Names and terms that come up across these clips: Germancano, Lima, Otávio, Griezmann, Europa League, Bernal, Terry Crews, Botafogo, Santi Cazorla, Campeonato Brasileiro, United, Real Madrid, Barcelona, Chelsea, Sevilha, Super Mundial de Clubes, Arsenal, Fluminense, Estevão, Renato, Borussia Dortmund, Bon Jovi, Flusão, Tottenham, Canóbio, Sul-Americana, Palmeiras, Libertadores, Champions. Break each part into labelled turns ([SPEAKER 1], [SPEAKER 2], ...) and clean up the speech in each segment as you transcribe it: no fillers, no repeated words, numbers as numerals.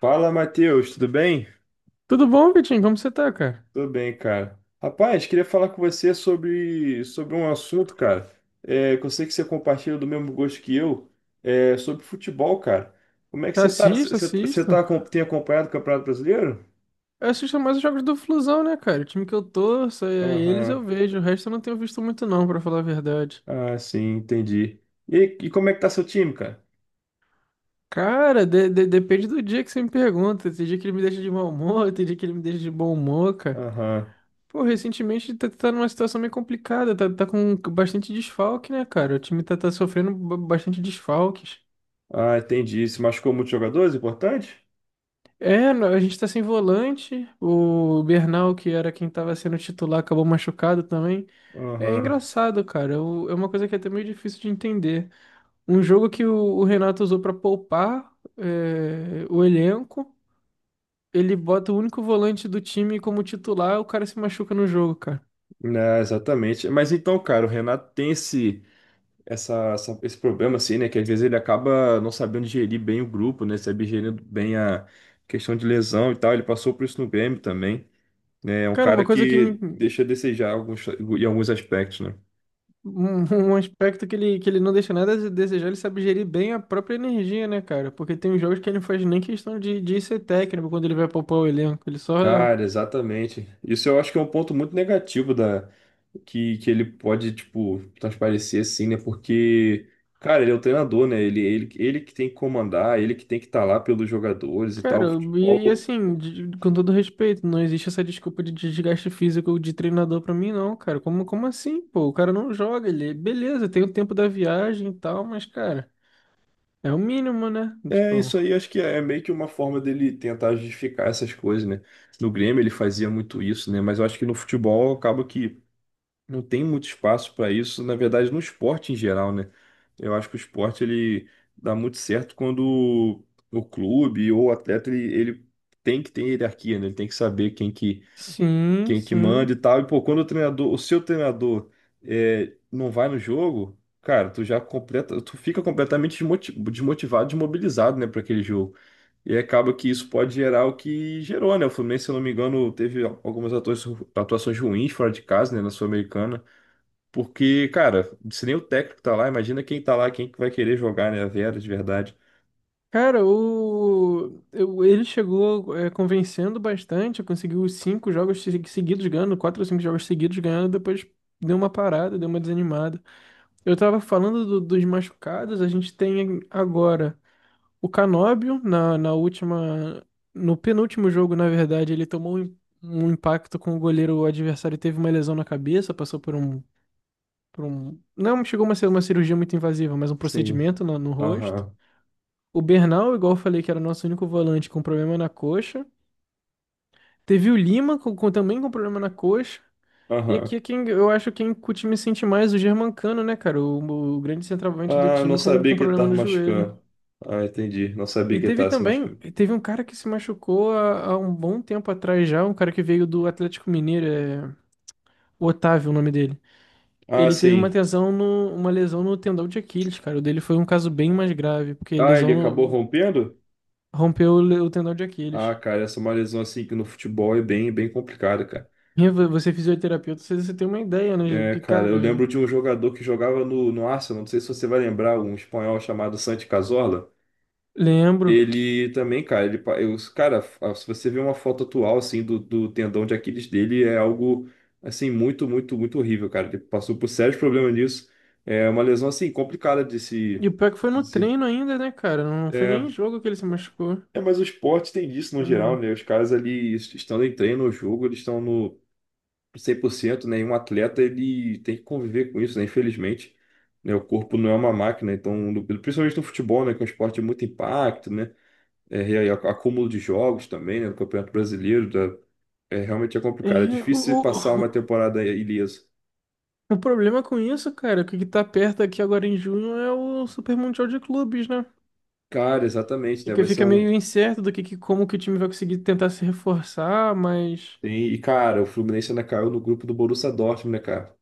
[SPEAKER 1] Fala, Matheus, tudo bem?
[SPEAKER 2] Tudo bom, Vitinho? Como você tá, cara?
[SPEAKER 1] Tudo bem, cara. Rapaz, queria falar com você sobre um assunto, cara, que eu sei que você compartilha do mesmo gosto que eu, sobre futebol, cara. Como é que
[SPEAKER 2] Tá.
[SPEAKER 1] você tá? Você
[SPEAKER 2] Assisto,
[SPEAKER 1] você tá, você
[SPEAKER 2] assisto.
[SPEAKER 1] tem acompanhado o Campeonato Brasileiro?
[SPEAKER 2] Eu assisto mais os jogos do Flusão, né, cara? O time que eu torço, é, eles eu
[SPEAKER 1] Aham.
[SPEAKER 2] vejo. O resto eu não tenho visto muito, não, pra falar a verdade.
[SPEAKER 1] Ah, sim, entendi. E como é que tá seu time, cara?
[SPEAKER 2] Cara, depende do dia que você me pergunta. Tem dia que ele me deixa de mau humor, tem dia que ele me deixa de bom humor, cara.
[SPEAKER 1] Aham.
[SPEAKER 2] Pô, recentemente tá numa situação meio complicada. Tá com bastante desfalque, né, cara? O time tá sofrendo bastante desfalques.
[SPEAKER 1] Ah, entendi. Se machucou muitos jogadores, importante?
[SPEAKER 2] É, a gente tá sem volante. O Bernal, que era quem tava sendo titular, acabou machucado também. É
[SPEAKER 1] Aham.
[SPEAKER 2] engraçado, cara. É uma coisa que é até meio difícil de entender. Um jogo que o Renato usou pra poupar é, o elenco, ele bota o único volante do time como titular, o cara se machuca no jogo, cara.
[SPEAKER 1] Né, exatamente. Mas então, cara, o Renato tem esse. Esse problema, assim, né? Que às vezes ele acaba não sabendo gerir bem o grupo, né? Sabe gerir bem a questão de lesão e tal. Ele passou por isso no Grêmio também, né? É um
[SPEAKER 2] Cara, uma
[SPEAKER 1] cara
[SPEAKER 2] coisa que me.
[SPEAKER 1] que deixa a desejar em alguns aspectos, né?
[SPEAKER 2] Um aspecto que ele não deixa nada a desejar, ele sabe gerir bem a própria energia, né, cara? Porque tem jogos que ele não faz nem questão de ser técnico quando ele vai poupar o elenco. Ele só.
[SPEAKER 1] Cara, exatamente. Isso eu acho que é um ponto muito negativo da que ele pode, tipo, transparecer assim, né? Porque, cara, ele é o treinador, né? Ele que tem que comandar, ele que tem que estar lá pelos jogadores e tal.
[SPEAKER 2] Cara,
[SPEAKER 1] O
[SPEAKER 2] e
[SPEAKER 1] futebol
[SPEAKER 2] assim, com todo respeito, não existe essa desculpa de desgaste físico de treinador pra mim, não, cara. Como assim, pô? O cara não joga, ele, beleza, tem o tempo da viagem e tal, mas, cara, é o mínimo, né?
[SPEAKER 1] é,
[SPEAKER 2] Tipo,
[SPEAKER 1] isso aí acho que é meio que uma forma dele tentar justificar essas coisas, né? No Grêmio ele fazia muito isso, né? Mas eu acho que no futebol acaba que não tem muito espaço para isso, na verdade no esporte em geral, né? Eu acho que o esporte ele dá muito certo quando o clube ou o atleta ele tem que ter hierarquia, né? Ele tem que saber
[SPEAKER 2] sim,
[SPEAKER 1] quem que
[SPEAKER 2] sim.
[SPEAKER 1] manda e tal. E, pô, quando o treinador, o seu treinador não vai no jogo, cara, tu já completa, tu fica desmotivado, desmobilizado, né, para aquele jogo. E acaba que isso pode gerar o que gerou, né? O Fluminense, se eu não me engano, teve atuações ruins fora de casa, né, na Sul-Americana. Porque, cara, se nem o técnico tá lá, imagina quem tá lá, quem que vai querer jogar, né, a Vera, de verdade.
[SPEAKER 2] Cara, ele chegou é, convencendo bastante, conseguiu os cinco jogos seguidos ganhando, quatro ou cinco jogos seguidos ganhando, depois deu uma parada, deu uma desanimada. Eu tava falando dos machucados, a gente tem agora. O Canóbio, na última. No penúltimo jogo, na verdade, ele tomou um impacto com o goleiro. O adversário teve uma lesão na cabeça, passou por um. Por um não chegou a ser uma cirurgia muito invasiva, mas um
[SPEAKER 1] Sim.
[SPEAKER 2] procedimento no rosto.
[SPEAKER 1] Aham,
[SPEAKER 2] O Bernal, igual eu falei, que era o nosso único volante com problema na coxa. Teve o Lima também com problema na coxa. E
[SPEAKER 1] aham.
[SPEAKER 2] aqui é quem eu acho quem o time sente mais, o Germancano, né, cara? O grande centroavante do
[SPEAKER 1] Ah, não
[SPEAKER 2] time com
[SPEAKER 1] sabia que ele
[SPEAKER 2] problema
[SPEAKER 1] tava
[SPEAKER 2] no joelho.
[SPEAKER 1] machucando. Ah, entendi. Não sabia
[SPEAKER 2] E
[SPEAKER 1] que ele
[SPEAKER 2] teve
[SPEAKER 1] tava se
[SPEAKER 2] também,
[SPEAKER 1] machucando.
[SPEAKER 2] teve um cara que se machucou há um bom tempo atrás já, um cara que veio do Atlético Mineiro, é o Otávio, o nome dele.
[SPEAKER 1] Ah,
[SPEAKER 2] Ele teve uma
[SPEAKER 1] sim.
[SPEAKER 2] lesão uma lesão no tendão de Aquiles, cara. O dele foi um caso bem mais grave, porque
[SPEAKER 1] Ah, ele
[SPEAKER 2] lesão
[SPEAKER 1] acabou
[SPEAKER 2] no-
[SPEAKER 1] rompendo?
[SPEAKER 2] rompeu o tendão de Aquiles.
[SPEAKER 1] Ah, cara, essa é uma lesão assim que no futebol é bem, bem complicada, cara.
[SPEAKER 2] E você é fisioterapeuta, você tem uma ideia, né?
[SPEAKER 1] É,
[SPEAKER 2] Porque,
[SPEAKER 1] cara, eu
[SPEAKER 2] cara, é,
[SPEAKER 1] lembro de um jogador que jogava no Arsenal, não sei se você vai lembrar, um espanhol chamado Santi Cazorla.
[SPEAKER 2] lembro.
[SPEAKER 1] Ele também, cara, ele, pa- eu, cara, a- se você ver uma foto atual, assim, do tendão de Aquiles dele, é algo, assim, muito, muito, muito horrível, cara. Ele passou por sérios problemas nisso. É uma lesão, assim, complicada
[SPEAKER 2] E o pior que foi no
[SPEAKER 1] de se...
[SPEAKER 2] treino ainda, né, cara? Não foi nem em
[SPEAKER 1] é,
[SPEAKER 2] jogo que ele se machucou.
[SPEAKER 1] é, mas o esporte tem disso no geral,
[SPEAKER 2] Hum.
[SPEAKER 1] né? Os caras ali estando em treino no jogo, eles estão no 100%, né? E um atleta, ele tem que conviver com isso, né? Infelizmente, né? O corpo não é uma máquina, então, principalmente no futebol, né? Que é um esporte de muito impacto, né? É, e aí, acúmulo de jogos também, né? No Campeonato Brasileiro, realmente é
[SPEAKER 2] É,
[SPEAKER 1] complicado. É
[SPEAKER 2] o,
[SPEAKER 1] difícil você passar
[SPEAKER 2] o-
[SPEAKER 1] uma temporada ileso.
[SPEAKER 2] o problema com isso, cara, é que o que tá perto aqui agora em junho é o Super Mundial de Clubes, né?
[SPEAKER 1] Cara, exatamente,
[SPEAKER 2] E
[SPEAKER 1] né?
[SPEAKER 2] que
[SPEAKER 1] Vai ser
[SPEAKER 2] fica
[SPEAKER 1] um...
[SPEAKER 2] meio incerto do como que o time vai conseguir tentar se reforçar, mas
[SPEAKER 1] E, cara, o Fluminense ainda caiu no grupo do Borussia Dortmund, né, cara?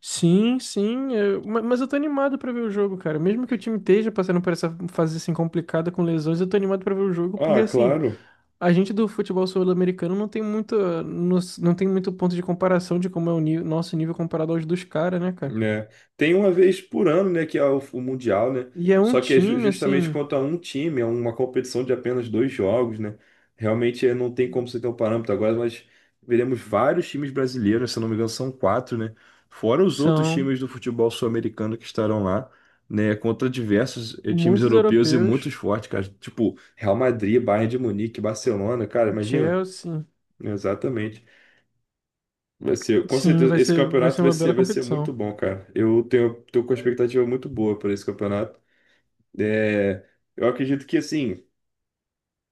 [SPEAKER 2] sim, sim, mas eu tô animado pra ver o jogo, cara. Mesmo que o time esteja passando por essa fase assim complicada com lesões, eu tô animado pra ver o jogo, porque
[SPEAKER 1] Ah,
[SPEAKER 2] assim,
[SPEAKER 1] claro.
[SPEAKER 2] a gente do futebol sul-americano não tem muito, não tem muito ponto de comparação de como é o nosso nível comparado aos dos caras, né, cara?
[SPEAKER 1] Né? Tem uma vez por ano, né, que é o Mundial, né?
[SPEAKER 2] E é um
[SPEAKER 1] Só que é
[SPEAKER 2] time
[SPEAKER 1] justamente
[SPEAKER 2] assim,
[SPEAKER 1] contra um time, é uma competição de apenas dois jogos, né? Realmente é, não tem como você ter um parâmetro agora, mas veremos vários times brasileiros, se eu não me engano, são quatro, né? Fora os outros
[SPEAKER 2] são
[SPEAKER 1] times do futebol sul-americano que estarão lá, né? Contra diversos times
[SPEAKER 2] muitos
[SPEAKER 1] europeus e
[SPEAKER 2] europeus.
[SPEAKER 1] muitos fortes, cara. Tipo, Real Madrid, Bayern de Munique, Barcelona, cara, imagina?
[SPEAKER 2] Chelsea.
[SPEAKER 1] Exatamente. Vai ser, com
[SPEAKER 2] Sim,
[SPEAKER 1] certeza, esse
[SPEAKER 2] vai ser
[SPEAKER 1] campeonato
[SPEAKER 2] uma bela
[SPEAKER 1] vai ser muito
[SPEAKER 2] competição.
[SPEAKER 1] bom, cara. Eu tenho, tô com uma expectativa muito boa para esse campeonato. É, eu acredito que, assim,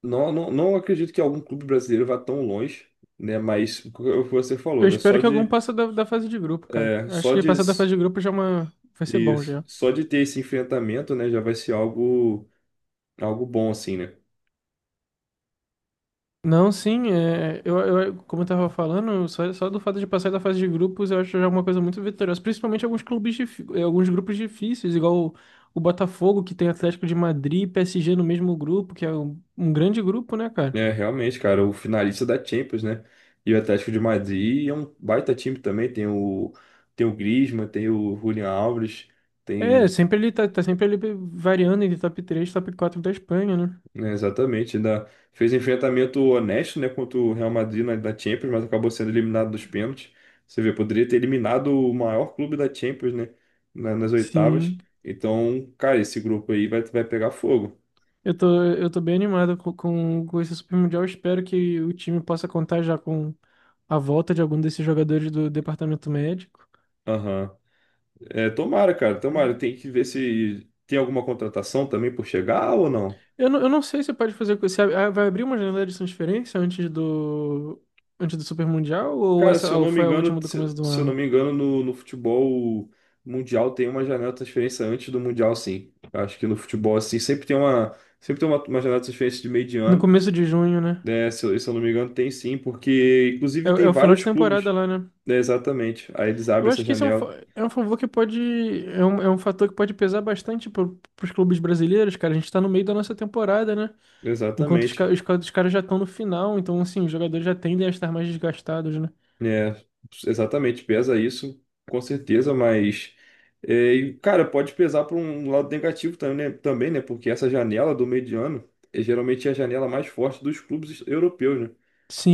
[SPEAKER 1] não acredito que algum clube brasileiro vá tão longe, né? Mas o que você
[SPEAKER 2] Eu
[SPEAKER 1] falou, né?
[SPEAKER 2] espero
[SPEAKER 1] Só
[SPEAKER 2] que algum
[SPEAKER 1] de,
[SPEAKER 2] passe da fase de grupo, cara.
[SPEAKER 1] é,
[SPEAKER 2] Acho
[SPEAKER 1] só
[SPEAKER 2] que
[SPEAKER 1] de,
[SPEAKER 2] passar da fase de grupo já é uma... vai ser bom
[SPEAKER 1] isso,
[SPEAKER 2] já.
[SPEAKER 1] só de ter esse enfrentamento, né? Já vai ser algo, algo bom, assim, né?
[SPEAKER 2] Não, sim, é, eu, como eu tava falando, só do fato de passar da fase de grupos eu acho já uma coisa muito vitoriosa. Principalmente alguns clubes, eh, alguns grupos difíceis, igual o Botafogo, que tem Atlético de Madrid e PSG no mesmo grupo, que é um grande grupo, né, cara?
[SPEAKER 1] É, realmente, cara, o finalista da Champions, né? E o Atlético de Madrid é um baita time também. Tem tem o Griezmann, tem o Julian Alves.
[SPEAKER 2] É,
[SPEAKER 1] Tem
[SPEAKER 2] sempre ele tá sempre ali variando entre top 3, e top 4 da Espanha, né?
[SPEAKER 1] é, exatamente, ainda fez enfrentamento honesto, né, contra o Real Madrid da Champions, mas acabou sendo eliminado dos pênaltis. Você vê, poderia ter eliminado o maior clube da Champions, né, nas
[SPEAKER 2] Sim.
[SPEAKER 1] oitavas. Então, cara, esse grupo aí vai, vai pegar fogo.
[SPEAKER 2] Eu tô bem animado com esse Super Mundial. Espero que o time possa contar já com a volta de algum desses jogadores do departamento médico.
[SPEAKER 1] Aham. É, tomara, cara, tomara. Tem que ver se tem alguma contratação também por chegar ou não.
[SPEAKER 2] Eu não sei se pode fazer. Se vai abrir uma janela de transferência antes antes do Super Mundial ou
[SPEAKER 1] Cara, se
[SPEAKER 2] essa
[SPEAKER 1] eu
[SPEAKER 2] ou
[SPEAKER 1] não me
[SPEAKER 2] foi a
[SPEAKER 1] engano,
[SPEAKER 2] última do começo
[SPEAKER 1] se,
[SPEAKER 2] do
[SPEAKER 1] se eu não
[SPEAKER 2] ano?
[SPEAKER 1] me engano, no futebol mundial tem uma janela de transferência antes do mundial, sim. Eu acho que no futebol, assim, sempre tem uma janela de transferência de meio de
[SPEAKER 2] No
[SPEAKER 1] ano,
[SPEAKER 2] começo de junho, né?
[SPEAKER 1] né? Se eu não me engano, tem sim, porque
[SPEAKER 2] É,
[SPEAKER 1] inclusive
[SPEAKER 2] é
[SPEAKER 1] tem
[SPEAKER 2] o final de
[SPEAKER 1] vários
[SPEAKER 2] temporada
[SPEAKER 1] clubes,
[SPEAKER 2] lá, né?
[SPEAKER 1] né? Exatamente. Aí eles
[SPEAKER 2] Eu
[SPEAKER 1] abrem
[SPEAKER 2] acho
[SPEAKER 1] essa
[SPEAKER 2] que esse é
[SPEAKER 1] janela.
[SPEAKER 2] é um favor que pode. É um fator que pode pesar bastante pros clubes brasileiros, cara. A gente tá no meio da nossa temporada, né? Enquanto
[SPEAKER 1] Exatamente.
[SPEAKER 2] os caras já estão no final, então assim, os jogadores já tendem a estar mais desgastados, né?
[SPEAKER 1] É, exatamente, pesa isso, com certeza, mas cara, pode pesar para um lado negativo também, né? Também, né? Porque essa janela do meio de ano é geralmente a janela mais forte dos clubes europeus, né?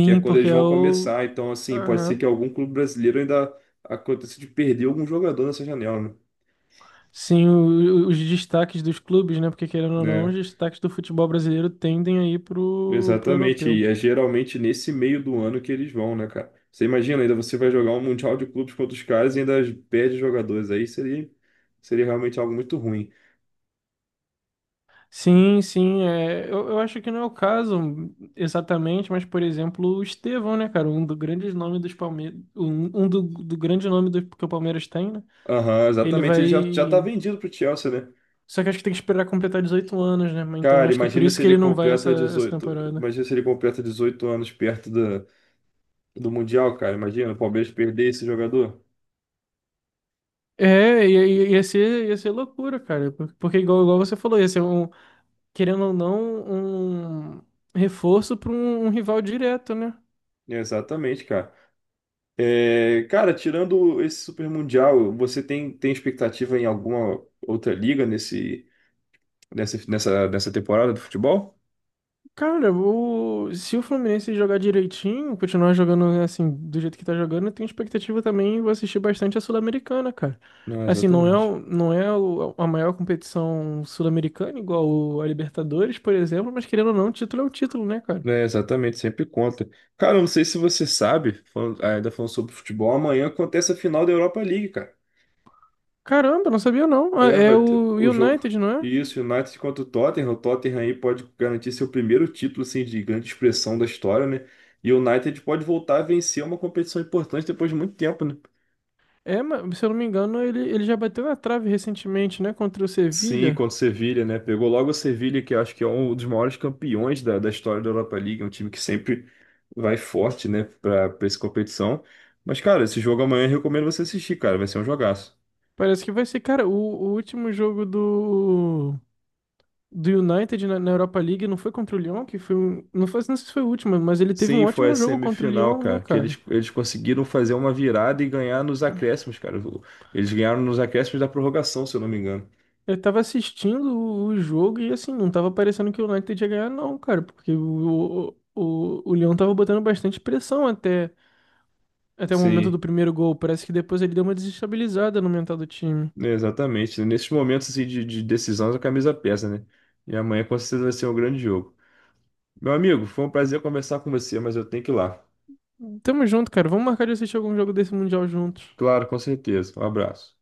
[SPEAKER 1] Que é quando
[SPEAKER 2] porque
[SPEAKER 1] eles
[SPEAKER 2] é
[SPEAKER 1] vão
[SPEAKER 2] o.
[SPEAKER 1] começar. Então, assim, pode ser
[SPEAKER 2] Aham.
[SPEAKER 1] que algum clube brasileiro ainda aconteça de perder algum jogador nessa janela, né?
[SPEAKER 2] Sim, os destaques dos clubes, né? Porque querendo ou não, os
[SPEAKER 1] Né?
[SPEAKER 2] destaques do futebol brasileiro tendem aí pro
[SPEAKER 1] Exatamente,
[SPEAKER 2] europeu.
[SPEAKER 1] e é geralmente nesse meio do ano que eles vão, né, cara? Você imagina, ainda você vai jogar um Mundial de Clubes contra os caras e ainda perde jogadores aí, seria, seria realmente algo muito ruim.
[SPEAKER 2] Sim, sim, é, eu acho que não é o caso exatamente, mas por exemplo, o Estevão, né, cara, um dos grandes nomes dos Palmeiras, do grande nome do, que o Palmeiras tem, né?
[SPEAKER 1] Aham,
[SPEAKER 2] Ele
[SPEAKER 1] exatamente.
[SPEAKER 2] vai.
[SPEAKER 1] Ele já tá vendido pro Chelsea, né?
[SPEAKER 2] Só que acho que tem que esperar completar 18 anos, né? Mas então
[SPEAKER 1] Cara,
[SPEAKER 2] acho que é por
[SPEAKER 1] imagina
[SPEAKER 2] isso
[SPEAKER 1] se
[SPEAKER 2] que
[SPEAKER 1] ele
[SPEAKER 2] ele não vai essa,
[SPEAKER 1] completa
[SPEAKER 2] essa
[SPEAKER 1] 18,
[SPEAKER 2] temporada.
[SPEAKER 1] imagina se ele completa 18 anos perto do, do Mundial, cara. Imagina o Palmeiras perder esse jogador.
[SPEAKER 2] É, ia ser loucura, cara. Porque, igual você falou, ia ser um, querendo ou não, um reforço para um rival direto, né?
[SPEAKER 1] Exatamente, cara. É, cara, tirando esse Super Mundial, você tem, tem expectativa em alguma outra liga nesse, nessa temporada do futebol?
[SPEAKER 2] Cara, o... se o Fluminense jogar direitinho, continuar jogando assim, do jeito que tá jogando, eu tenho expectativa também, vou assistir bastante a Sul-Americana, cara.
[SPEAKER 1] Não,
[SPEAKER 2] Assim,
[SPEAKER 1] exatamente.
[SPEAKER 2] não é a maior competição sul-americana, a Libertadores, por exemplo, mas querendo ou não, título é o título, né, cara?
[SPEAKER 1] É, exatamente, sempre conta. Cara, eu não sei se você sabe, ainda falando sobre futebol, amanhã acontece a final da Europa League, cara.
[SPEAKER 2] Caramba, não sabia não. Ah,
[SPEAKER 1] É,
[SPEAKER 2] é
[SPEAKER 1] vai ter
[SPEAKER 2] o
[SPEAKER 1] o jogo.
[SPEAKER 2] United, não é?
[SPEAKER 1] Isso, United contra o Tottenham. O Tottenham aí pode garantir seu primeiro título assim, de grande expressão da história, né? E o United pode voltar a vencer uma competição importante depois de muito tempo, né?
[SPEAKER 2] É, mas se eu não me engano, ele já bateu na trave recentemente, né, contra o
[SPEAKER 1] Sim,
[SPEAKER 2] Sevilla.
[SPEAKER 1] contra o Sevilha, né? Pegou logo o Sevilha, que eu acho que é um dos maiores campeões da história da Europa League, é um time que sempre vai forte, né, para essa competição. Mas, cara, esse jogo amanhã eu recomendo você assistir, cara. Vai ser um jogaço.
[SPEAKER 2] Parece que vai ser, cara, o último jogo do. Do United na Europa League não foi contra o Lyon, que foi um, não foi, não sei se foi o último, mas ele teve um
[SPEAKER 1] Sim, foi a
[SPEAKER 2] ótimo jogo contra o
[SPEAKER 1] semifinal,
[SPEAKER 2] Lyon, né,
[SPEAKER 1] cara, que
[SPEAKER 2] cara?
[SPEAKER 1] eles conseguiram fazer uma virada e ganhar nos acréscimos, cara. O- Eles ganharam nos acréscimos da prorrogação, se eu não me engano.
[SPEAKER 2] Eu tava assistindo o jogo e assim, não tava parecendo que o United ia ganhar, não, cara, porque o Lyon tava botando bastante pressão até, até o momento do
[SPEAKER 1] Sim,
[SPEAKER 2] primeiro gol. Parece que depois ele deu uma desestabilizada no mental do time.
[SPEAKER 1] né, exatamente. Nesses momentos assim, de decisão, a camisa pesa, né? E amanhã com certeza vai ser um grande jogo. Meu amigo, foi um prazer conversar com você, mas eu tenho que ir lá.
[SPEAKER 2] Tamo junto, cara. Vamos marcar de assistir algum jogo desse Mundial juntos.
[SPEAKER 1] Claro, com certeza. Um abraço.